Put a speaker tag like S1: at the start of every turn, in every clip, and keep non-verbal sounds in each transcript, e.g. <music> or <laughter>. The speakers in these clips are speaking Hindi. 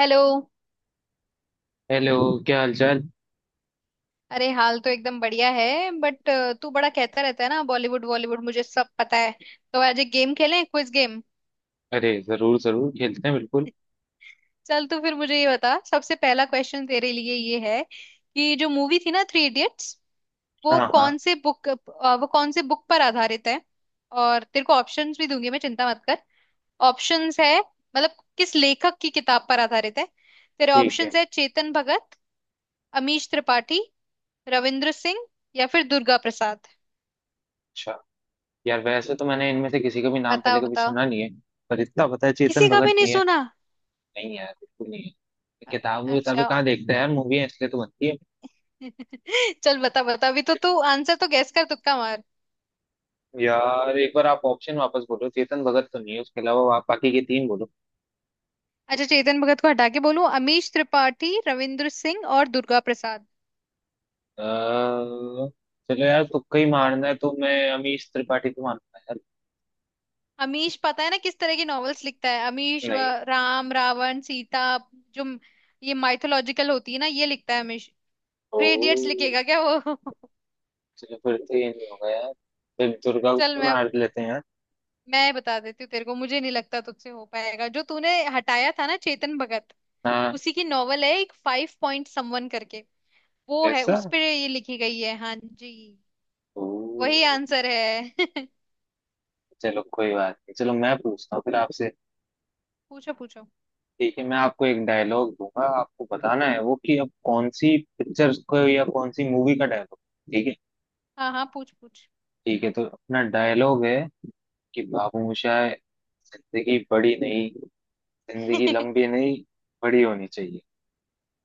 S1: हेलो।
S2: हेलो। क्या हालचाल।
S1: अरे हाल तो एकदम बढ़िया है। बट तू बड़ा कहता रहता है ना, बॉलीवुड बॉलीवुड मुझे सब पता है। तो आज एक गेम खेलें, क्विज गेम।
S2: अरे जरूर जरूर खेलते हैं बिल्कुल।
S1: चल तू फिर मुझे ये बता, सबसे पहला क्वेश्चन तेरे लिए ये है कि जो मूवी थी ना थ्री इडियट्स, वो कौन से बुक, वो कौन से बुक पर आधारित है। और तेरे को ऑप्शंस भी दूंगी मैं, चिंता मत कर। ऑप्शंस है मतलब किस लेखक की किताब पर आधारित है। तेरे
S2: ठीक है।
S1: ऑप्शंस है चेतन भगत, अमीश त्रिपाठी, रविंद्र सिंह या फिर दुर्गा प्रसाद।
S2: अच्छा। यार वैसे तो मैंने इनमें से किसी का भी नाम पहले
S1: बताओ
S2: कभी
S1: बताओ।
S2: सुना नहीं है। पर इतना पता है चेतन
S1: किसी का
S2: भगत
S1: भी नहीं
S2: नहीं है।
S1: सुना?
S2: नहीं यार बिल्कुल नहीं है।
S1: अ-
S2: किताबें
S1: अच्छा।
S2: कहाँ देखते हैं यार। मूवी है इसलिए तो बनती है।
S1: <laughs> चल बता बता, अभी तो तू आंसर तो गैस कर, तुक्का मार।
S2: यार एक बार आप ऑप्शन वापस बोलो। चेतन भगत तो नहीं है, उसके अलावा आप बाकी के तीन बोलो।
S1: अच्छा चेतन भगत को हटा के बोलूं अमीश त्रिपाठी, रविंद्र सिंह और दुर्गा प्रसाद।
S2: अ, चलो यार तुक्का ही
S1: और
S2: मारना है तो मैं अमीश त्रिपाठी को मानता यार।
S1: अमीश पता है ना किस तरह की नॉवेल्स लिखता है अमीश?
S2: नहीं।
S1: राम रावण सीता, जो म- ये माइथोलॉजिकल होती है ना, ये लिखता है अमीश।
S2: ओ,
S1: थ्री इडियट्स लिखेगा क्या वो? <laughs>
S2: चलो फिर तो ये नहीं होगा यार। फिर दुर्गा को
S1: चल
S2: तो
S1: मैं
S2: मार लेते हैं यार।
S1: मैं बता देती हूँ तेरे को, मुझे नहीं लगता तुझसे हो पाएगा। जो तूने हटाया था ना चेतन भगत,
S2: हाँ।
S1: उसी की नॉवल है एक फाइव पॉइंट समवन करके। वो है,
S2: ऐसा।
S1: उस पे ये लिखी गई है। हाँ जी,
S2: ओह,
S1: वही आंसर है। <laughs>
S2: चलो कोई बात नहीं। चलो मैं पूछता हूँ फिर आपसे।
S1: पूछो पूछो।
S2: ठीक है मैं आपको एक डायलॉग दूंगा। आपको बताना है वो कि अब कौन सी पिक्चर को या कौन सी मूवी का डायलॉग। ठीक है।
S1: हाँ हाँ पूछ पूछ।
S2: ठीक है तो अपना डायलॉग है कि बाबू मोशाय, जिंदगी बड़ी नहीं, जिंदगी
S1: <laughs>
S2: लंबी नहीं, बड़ी होनी चाहिए।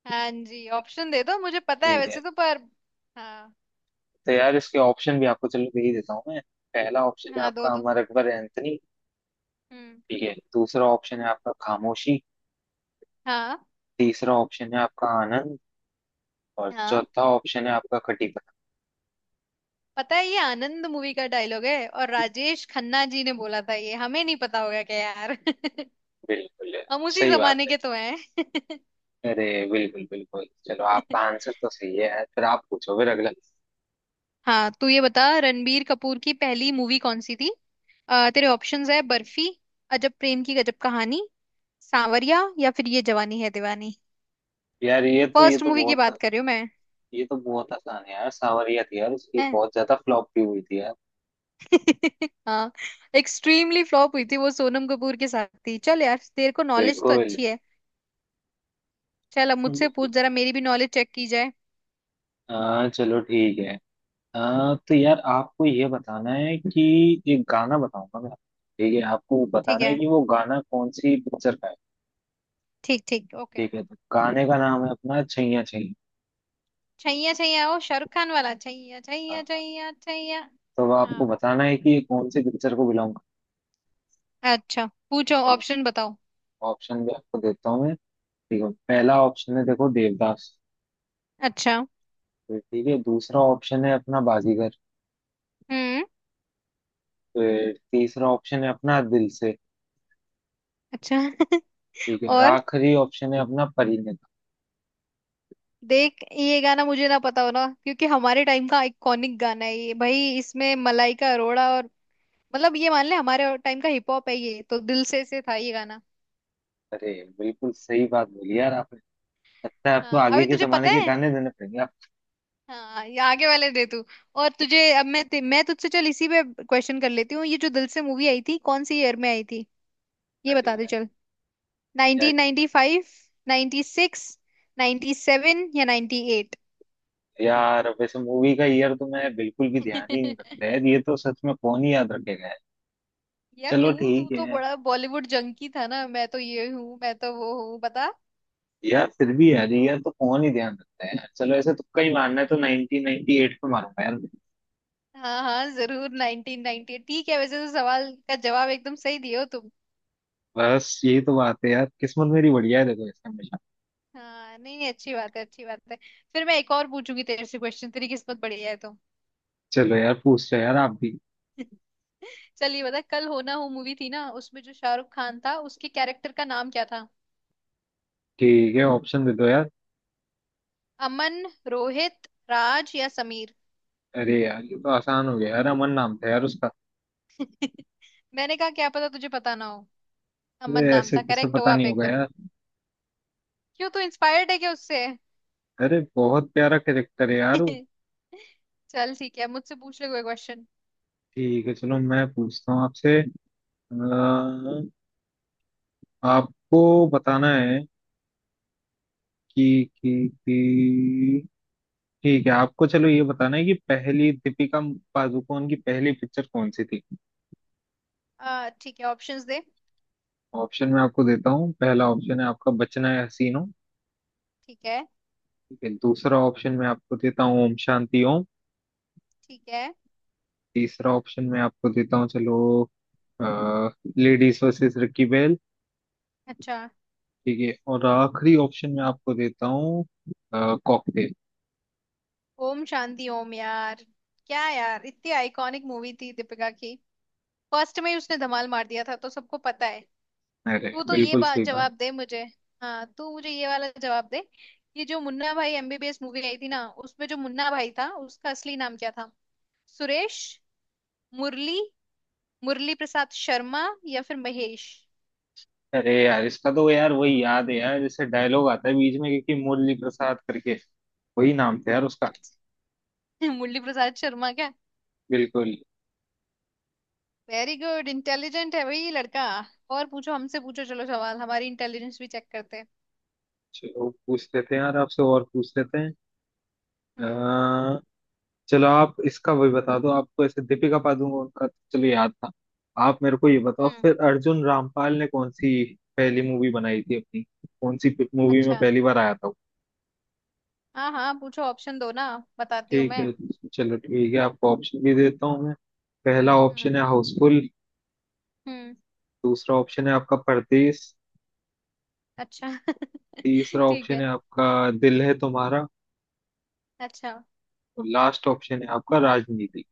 S1: हाँ जी ऑप्शन दे दो, मुझे पता है
S2: ठीक है
S1: वैसे तो, पर। हाँ।
S2: तो यार इसके ऑप्शन भी आपको चलो दे ही देता हूँ मैं। पहला ऑप्शन है
S1: हाँ, दो
S2: आपका
S1: दो।
S2: अमर अकबर एंथनी।
S1: हम्म।
S2: ठीक है दूसरा ऑप्शन है आपका खामोशी।
S1: हाँ।
S2: तीसरा ऑप्शन है आपका आनंद। और
S1: हाँ
S2: चौथा ऑप्शन है आपका खटीपना।
S1: पता है, ये आनंद मूवी का डायलॉग है और राजेश खन्ना जी ने बोला था। ये हमें नहीं पता होगा क्या यार? <laughs>
S2: बिल्कुल।
S1: हम उसी
S2: सही बात
S1: जमाने
S2: है।
S1: के तो हैं।
S2: अरे बिल्कुल बिल्कुल, चलो आपका
S1: <laughs>
S2: आंसर तो सही है यार। फिर आप पूछो फिर अगला।
S1: हाँ तू ये बता रणबीर कपूर की पहली मूवी कौन सी थी। तेरे ऑप्शंस है बर्फी, अजब प्रेम की गजब कहानी, सांवरिया या फिर ये जवानी है दीवानी।
S2: यार
S1: फर्स्ट मूवी की बात कर रही हूँ मैं।
S2: ये तो बहुत आसान है यार। सांवरिया थी यार, उसकी
S1: हैं?
S2: बहुत ज्यादा फ्लॉप भी हुई थी यार।
S1: <laughs> हाँ, एक्सट्रीमली फ्लॉप हुई थी। वो सोनम कपूर के साथ थी। चल यार, तेरे को नॉलेज तो
S2: बिल्कुल।
S1: अच्छी है। चल अब मुझसे पूछ, जरा मेरी भी नॉलेज चेक की जाए।
S2: चलो ठीक है। तो यार आपको ये बताना है कि एक गाना बताऊंगा मैं। ठीक है आपको
S1: ठीक
S2: बताना है
S1: है।
S2: कि वो गाना कौन सी पिक्चर का है।
S1: ठीक ठीक, ओके।
S2: ठीक है तो गाने का नाम है अपना छैया छैया।
S1: छैया छैया, ओ शाहरुख खान वाला छैया
S2: हाँ,
S1: छैया
S2: हाँ।
S1: छैया छैया।
S2: तो अब
S1: हाँ।
S2: आपको बताना है कि ये कौन से पिक्चर को बिलोंग
S1: अच्छा पूछो,
S2: करता है।
S1: ऑप्शन बताओ।
S2: ऑप्शन भी आपको देता हूँ मैं। ठीक है पहला ऑप्शन है देखो देवदास।
S1: अच्छा।
S2: फिर ठीक है दूसरा ऑप्शन है अपना बाजीगर।
S1: हम्म।
S2: फिर तीसरा ऑप्शन है अपना दिल से।
S1: अच्छा। <laughs>
S2: ठीक है और
S1: और
S2: आखिरी ऑप्शन है अपना परिणीता।
S1: देख ये गाना मुझे ना पता हो ना, क्योंकि हमारे टाइम का आइकॉनिक गाना है ये भाई। इसमें मलाइका अरोड़ा, और मतलब ये मान ले हमारे टाइम का हिप हॉप है ये। तो दिल से था ये गाना।
S2: अरे बिल्कुल सही बात बोली यार आपने। लगता है आपको
S1: हाँ
S2: आगे
S1: अभी
S2: के
S1: तुझे
S2: जमाने
S1: पता
S2: के
S1: है।
S2: गाने देने पड़ेंगे आप।
S1: हाँ ये आगे वाले दे तू। और तुझे अब मैं मैं तुझसे, चल इसी पे क्वेश्चन कर लेती हूँ। ये जो दिल से मूवी आई थी, कौन सी ईयर में आई थी, ये
S2: अरे
S1: बता दे
S2: यार
S1: चल।
S2: यार
S1: 1995, 96, 97 या 98?
S2: यार वैसे मूवी का ईयर तो मैं बिल्कुल भी ध्यान ही नहीं रखता
S1: <laughs>
S2: है। ये तो सच में कौन ही याद रखेगा यार।
S1: यार
S2: चलो
S1: क्यों, तू
S2: ठीक
S1: तो
S2: है।
S1: बड़ा बॉलीवुड जंकी था ना, मैं तो ये हूँ मैं तो वो हूँ, बता।
S2: यार फिर भी यार ये तो कौन ही ध्यान रखता है यार। चलो ऐसे तुक्का ही मारना है तो 1998 पे मारूंगा यार।
S1: हाँ हाँ जरूर, नाइनटीन नाइनटी ठीक है। वैसे तो सवाल का जवाब एकदम सही दिए हो तुम।
S2: बस यही तो बात है यार, किस्मत मेरी बढ़िया है देखो इसका हमेशा।
S1: हाँ नहीं नहीं, अच्छी बात है अच्छी बात है। फिर मैं एक और पूछूंगी तेरे से क्वेश्चन, तेरी किस्मत बढ़िया है तो।
S2: चलो यार पूछ लो यार आप भी।
S1: <laughs> चलिए बता, कल हो ना हो मूवी थी ना, उसमें जो शाहरुख खान था उसके कैरेक्टर का नाम क्या था।
S2: ठीक है ऑप्शन दे दो यार।
S1: अमन, रोहित, राज या समीर।
S2: अरे यार ये तो आसान हो गया यार, अमन नाम था यार उसका।
S1: <laughs> मैंने कहा क्या पता तुझे पता ना हो। अमन
S2: अरे
S1: नाम
S2: ऐसे
S1: था,
S2: किसे
S1: करेक्ट हो
S2: पता
S1: आप
S2: नहीं होगा
S1: एकदम।
S2: यार।
S1: क्यों, तू इंस्पायर्ड है क्या उससे?
S2: अरे बहुत प्यारा कैरेक्टर है यार वो।
S1: <laughs> चल ठीक है, मुझसे पूछ ले कोई क्वेश्चन।
S2: ठीक है चलो मैं पूछता हूँ आपसे। आपको बताना है कि कि कि ठीक है आपको चलो ये बताना है कि पहली दीपिका पादुकोण की पहली पिक्चर कौन सी थी।
S1: आ ठीक है, ऑप्शंस दे।
S2: ऑप्शन मैं आपको देता हूँ, पहला ऑप्शन है आपका बचना है हसीनो।
S1: ठीक है।
S2: ठीक है दूसरा ऑप्शन मैं आपको देता हूँ ओम शांति ओम।
S1: ठीक है।
S2: तीसरा ऑप्शन मैं आपको देता हूँ, चलो, लेडीज वर्सेस रिकी बेल।
S1: अच्छा।
S2: ठीक है और आखिरी ऑप्शन मैं आपको देता हूँ कॉकटेल।
S1: ओम शांति ओम यार। क्या यार, इतनी आइकॉनिक मूवी थी दीपिका की, फर्स्ट में ही उसने धमाल मार दिया था तो सबको पता है।
S2: अरे
S1: तू तो ये
S2: बिल्कुल
S1: बात
S2: सही बात।
S1: जवाब दे मुझे। हाँ तू मुझे ये वाला जवाब दे, ये जो मुन्ना भाई एमबीबीएस मूवी आई थी ना, उसमें जो मुन्ना भाई था उसका असली नाम क्या था। सुरेश, मुरली, मुरली प्रसाद शर्मा या फिर महेश।
S2: अरे यार इसका तो यार वही याद है यार, जैसे डायलॉग आता है बीच में, क्योंकि मुरली प्रसाद करके वही नाम था यार उसका।
S1: अच्छा। <laughs> मुरली प्रसाद शर्मा।
S2: बिल्कुल।
S1: वेरी गुड, इंटेलिजेंट है भाई लड़का। और पूछो, हमसे पूछो चलो सवाल, हमारी इंटेलिजेंस भी चेक करते हैं।
S2: चलो पूछ लेते हैं यार आपसे और पूछ लेते हैं। अ,
S1: हम्म।
S2: चलो आप इसका वही बता दो। आपको ऐसे दीपिका पादुकोण का तो चलो याद था। आप मेरे को ये बताओ
S1: हम्म।
S2: फिर, अर्जुन रामपाल ने कौन सी पहली मूवी बनाई थी अपनी, कौन सी मूवी में
S1: अच्छा।
S2: पहली बार आया था वो?
S1: हाँ हाँ पूछो, ऑप्शन दो ना, बताती हूँ
S2: ठीक
S1: मैं।
S2: है चलो ठीक है आपको ऑप्शन भी देता हूँ मैं। पहला ऑप्शन
S1: हम्म।
S2: है हाउसफुल।
S1: हम्म।
S2: दूसरा ऑप्शन है आपका परदेश।
S1: अच्छा। <laughs>
S2: तीसरा
S1: ठीक
S2: ऑप्शन है
S1: है।
S2: आपका दिल है तुम्हारा।
S1: अच्छा।
S2: और लास्ट ऑप्शन है आपका राजनीति।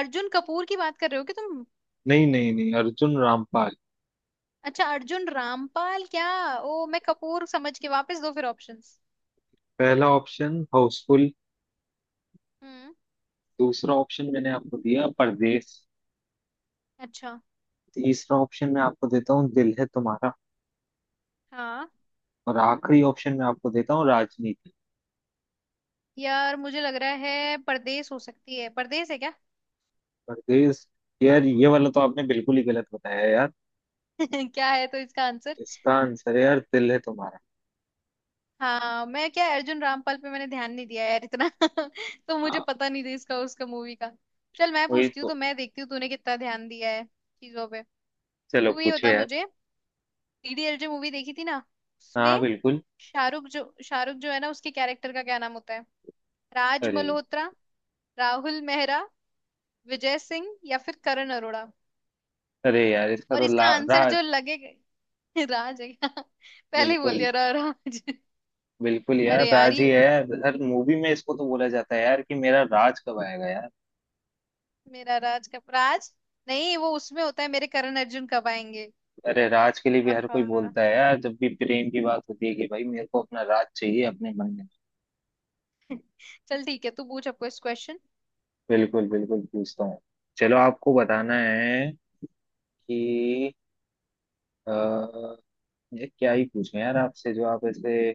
S1: अर्जुन कपूर की बात कर रहे हो कि तुम?
S2: नहीं नहीं नहीं, अर्जुन रामपाल।
S1: अच्छा, अर्जुन रामपाल क्या। ओ मैं कपूर समझ के, वापस दो फिर ऑप्शंस।
S2: पहला ऑप्शन हाउसफुल।
S1: हम्म।
S2: दूसरा ऑप्शन मैंने आपको दिया परदेश।
S1: अच्छा।
S2: तीसरा ऑप्शन मैं आपको देता हूँ दिल है तुम्हारा।
S1: हाँ।
S2: और आखिरी ऑप्शन मैं आपको देता हूँ राजनीति।
S1: यार मुझे लग रहा है परदेश हो सकती है, परदेश है क्या?
S2: परदेश? यार ये वाला तो आपने बिल्कुल ही गलत बताया यार।
S1: <laughs> क्या है तो इसका आंसर?
S2: इसका आंसर है यार दिल है तुम्हारा।
S1: हाँ मैं क्या, अर्जुन रामपाल पे मैंने ध्यान नहीं दिया यार इतना। <laughs> तो मुझे
S2: हाँ।
S1: पता नहीं था इसका, उसका मूवी का। चल मैं
S2: वही
S1: पूछती हूँ, तो
S2: तो।
S1: मैं देखती हूँ तूने कितना ध्यान दिया है चीजों पे।
S2: चलो
S1: तू ये
S2: पूछो
S1: बता
S2: यार।
S1: मुझे, डीडीएलजे मूवी देखी थी ना,
S2: हाँ
S1: उसमें
S2: बिल्कुल।
S1: शाहरुख जो है ना उसके कैरेक्टर का क्या नाम होता है। राज
S2: अरे।
S1: मल्होत्रा, राहुल मेहरा, विजय सिंह या फिर करण अरोड़ा।
S2: अरे यार इसका
S1: और
S2: तो
S1: इसका आंसर
S2: राज।
S1: जो लगेगा। <laughs> राज है क्या? <laughs> पहले ही बोल
S2: बिल्कुल।
S1: दिया राज। <laughs>
S2: बिल्कुल यार
S1: अरे यार
S2: राज
S1: ये,
S2: ही है यार, हर मूवी में इसको तो बोला जाता है यार कि मेरा राज कब आएगा यार।
S1: मेरा राज कब, राज नहीं, वो उसमें होता है मेरे करण अर्जुन कब आएंगे।
S2: अरे राज के लिए भी हर कोई
S1: आहा।
S2: बोलता है यार, जब भी प्रेम की बात होती है कि भाई मेरे को अपना राज चाहिए अपने मन में।
S1: <laughs> चल ठीक है तू पूछ अब कुछ क्वेश्चन।
S2: बिल्कुल बिल्कुल पूछता हूँ। चलो आपको बताना है कि आ, ये क्या ही पूछें यार आपसे, जो आप ऐसे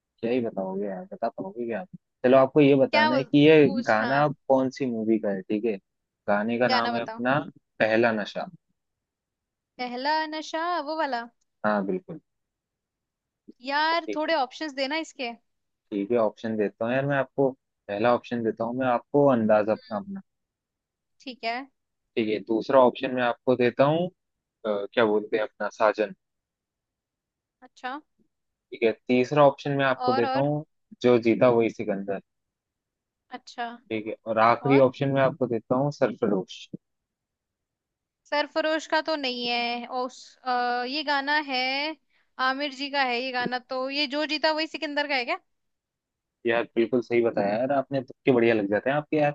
S2: क्या ही बताओगे यार, बता पाओगे क्या आप। चलो आपको ये
S1: क्या
S2: बताना है
S1: बोल-
S2: कि ये
S1: पूछ हाँ,
S2: गाना कौन सी मूवी का है। ठीक है गाने का
S1: गाना
S2: नाम है
S1: बताओ।
S2: अपना पहला नशा।
S1: पहला नशा, वो वाला।
S2: हाँ बिल्कुल।
S1: यार
S2: ठीक है।
S1: थोड़े ऑप्शंस देना इसके।
S2: ठीक है ऑप्शन देता हूँ यार मैं आपको। पहला ऑप्शन देता हूँ मैं आपको अंदाज अपना।
S1: ठीक है।
S2: ठीक है दूसरा ऑप्शन मैं आपको देता हूँ क्या बोलते हैं अपना साजन।
S1: अच्छा।
S2: ठीक है तीसरा ऑप्शन मैं आपको
S1: और
S2: देता
S1: और
S2: हूँ जो जीता वही सिकंदर।
S1: अच्छा।
S2: ठीक है और आखिरी
S1: और
S2: ऑप्शन मैं आपको देता हूँ सरफरोश।
S1: सरफरोश का तो नहीं है, ये गाना है आमिर जी का है ये गाना, तो ये जो जीता वही सिकंदर का है क्या।
S2: यार बिल्कुल सही बताया यार आपने, तुक्के बढ़िया लग जाते हैं आपके यार।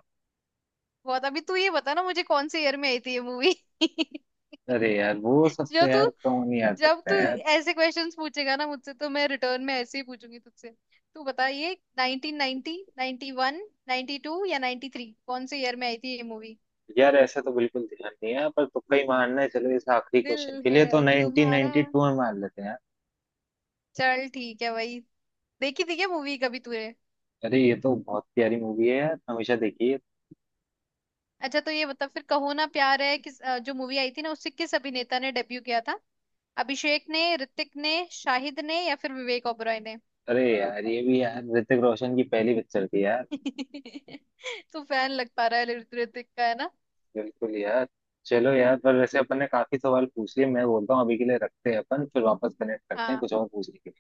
S1: बहुत, अभी तू ये बता ना मुझे कौन से ईयर में आई थी ये मूवी। <laughs>
S2: अरे यार वो सब तो
S1: जो तू,
S2: यार कौन ही याद
S1: जब
S2: रखता
S1: तू
S2: है यार।
S1: ऐसे क्वेश्चंस पूछेगा ना मुझसे तो मैं रिटर्न में ऐसे ही पूछूंगी तुझसे। तू बता ये 1990, 91, 92 या 93, कौन से ईयर में आई थी ये मूवी।
S2: यार ऐसा तो बिल्कुल ध्यान नहीं है, पर तुक्का ही मारना है चलो इस आखिरी
S1: दिल
S2: क्वेश्चन के लिए तो
S1: है तुम्हारा।
S2: 1992 में मार लेते हैं यार।
S1: चल ठीक है भाई, देखी थी क्या मूवी कभी तूने?
S2: अरे ये तो बहुत प्यारी मूवी है यार, हमेशा देखिए।
S1: अच्छा तो ये बता फिर, कहो ना प्यार है किस, जो मूवी आई थी ना उससे किस अभिनेता ने डेब्यू किया था। अभिषेक ने, ऋतिक ने, शाहिद ने या फिर विवेक ओबरॉय ने।
S2: अरे यार ये भी यार ऋतिक रोशन की पहली पिक्चर थी यार।
S1: <laughs> तू फैन लग पा रहा है ऋतिक का, है ना?
S2: बिल्कुल यार। चलो यार पर वैसे अपन ने काफी सवाल पूछ लिए, मैं बोलता हूँ अभी के लिए रखते हैं, अपन फिर वापस कनेक्ट करते हैं
S1: हाँ
S2: कुछ और पूछने के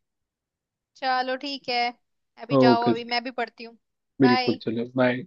S1: चलो ठीक है, अभी
S2: लिए।
S1: जाओ,
S2: ओके
S1: अभी
S2: जी।
S1: मैं भी पढ़ती हूँ।
S2: बिल्कुल
S1: बाय।
S2: चलो बाय।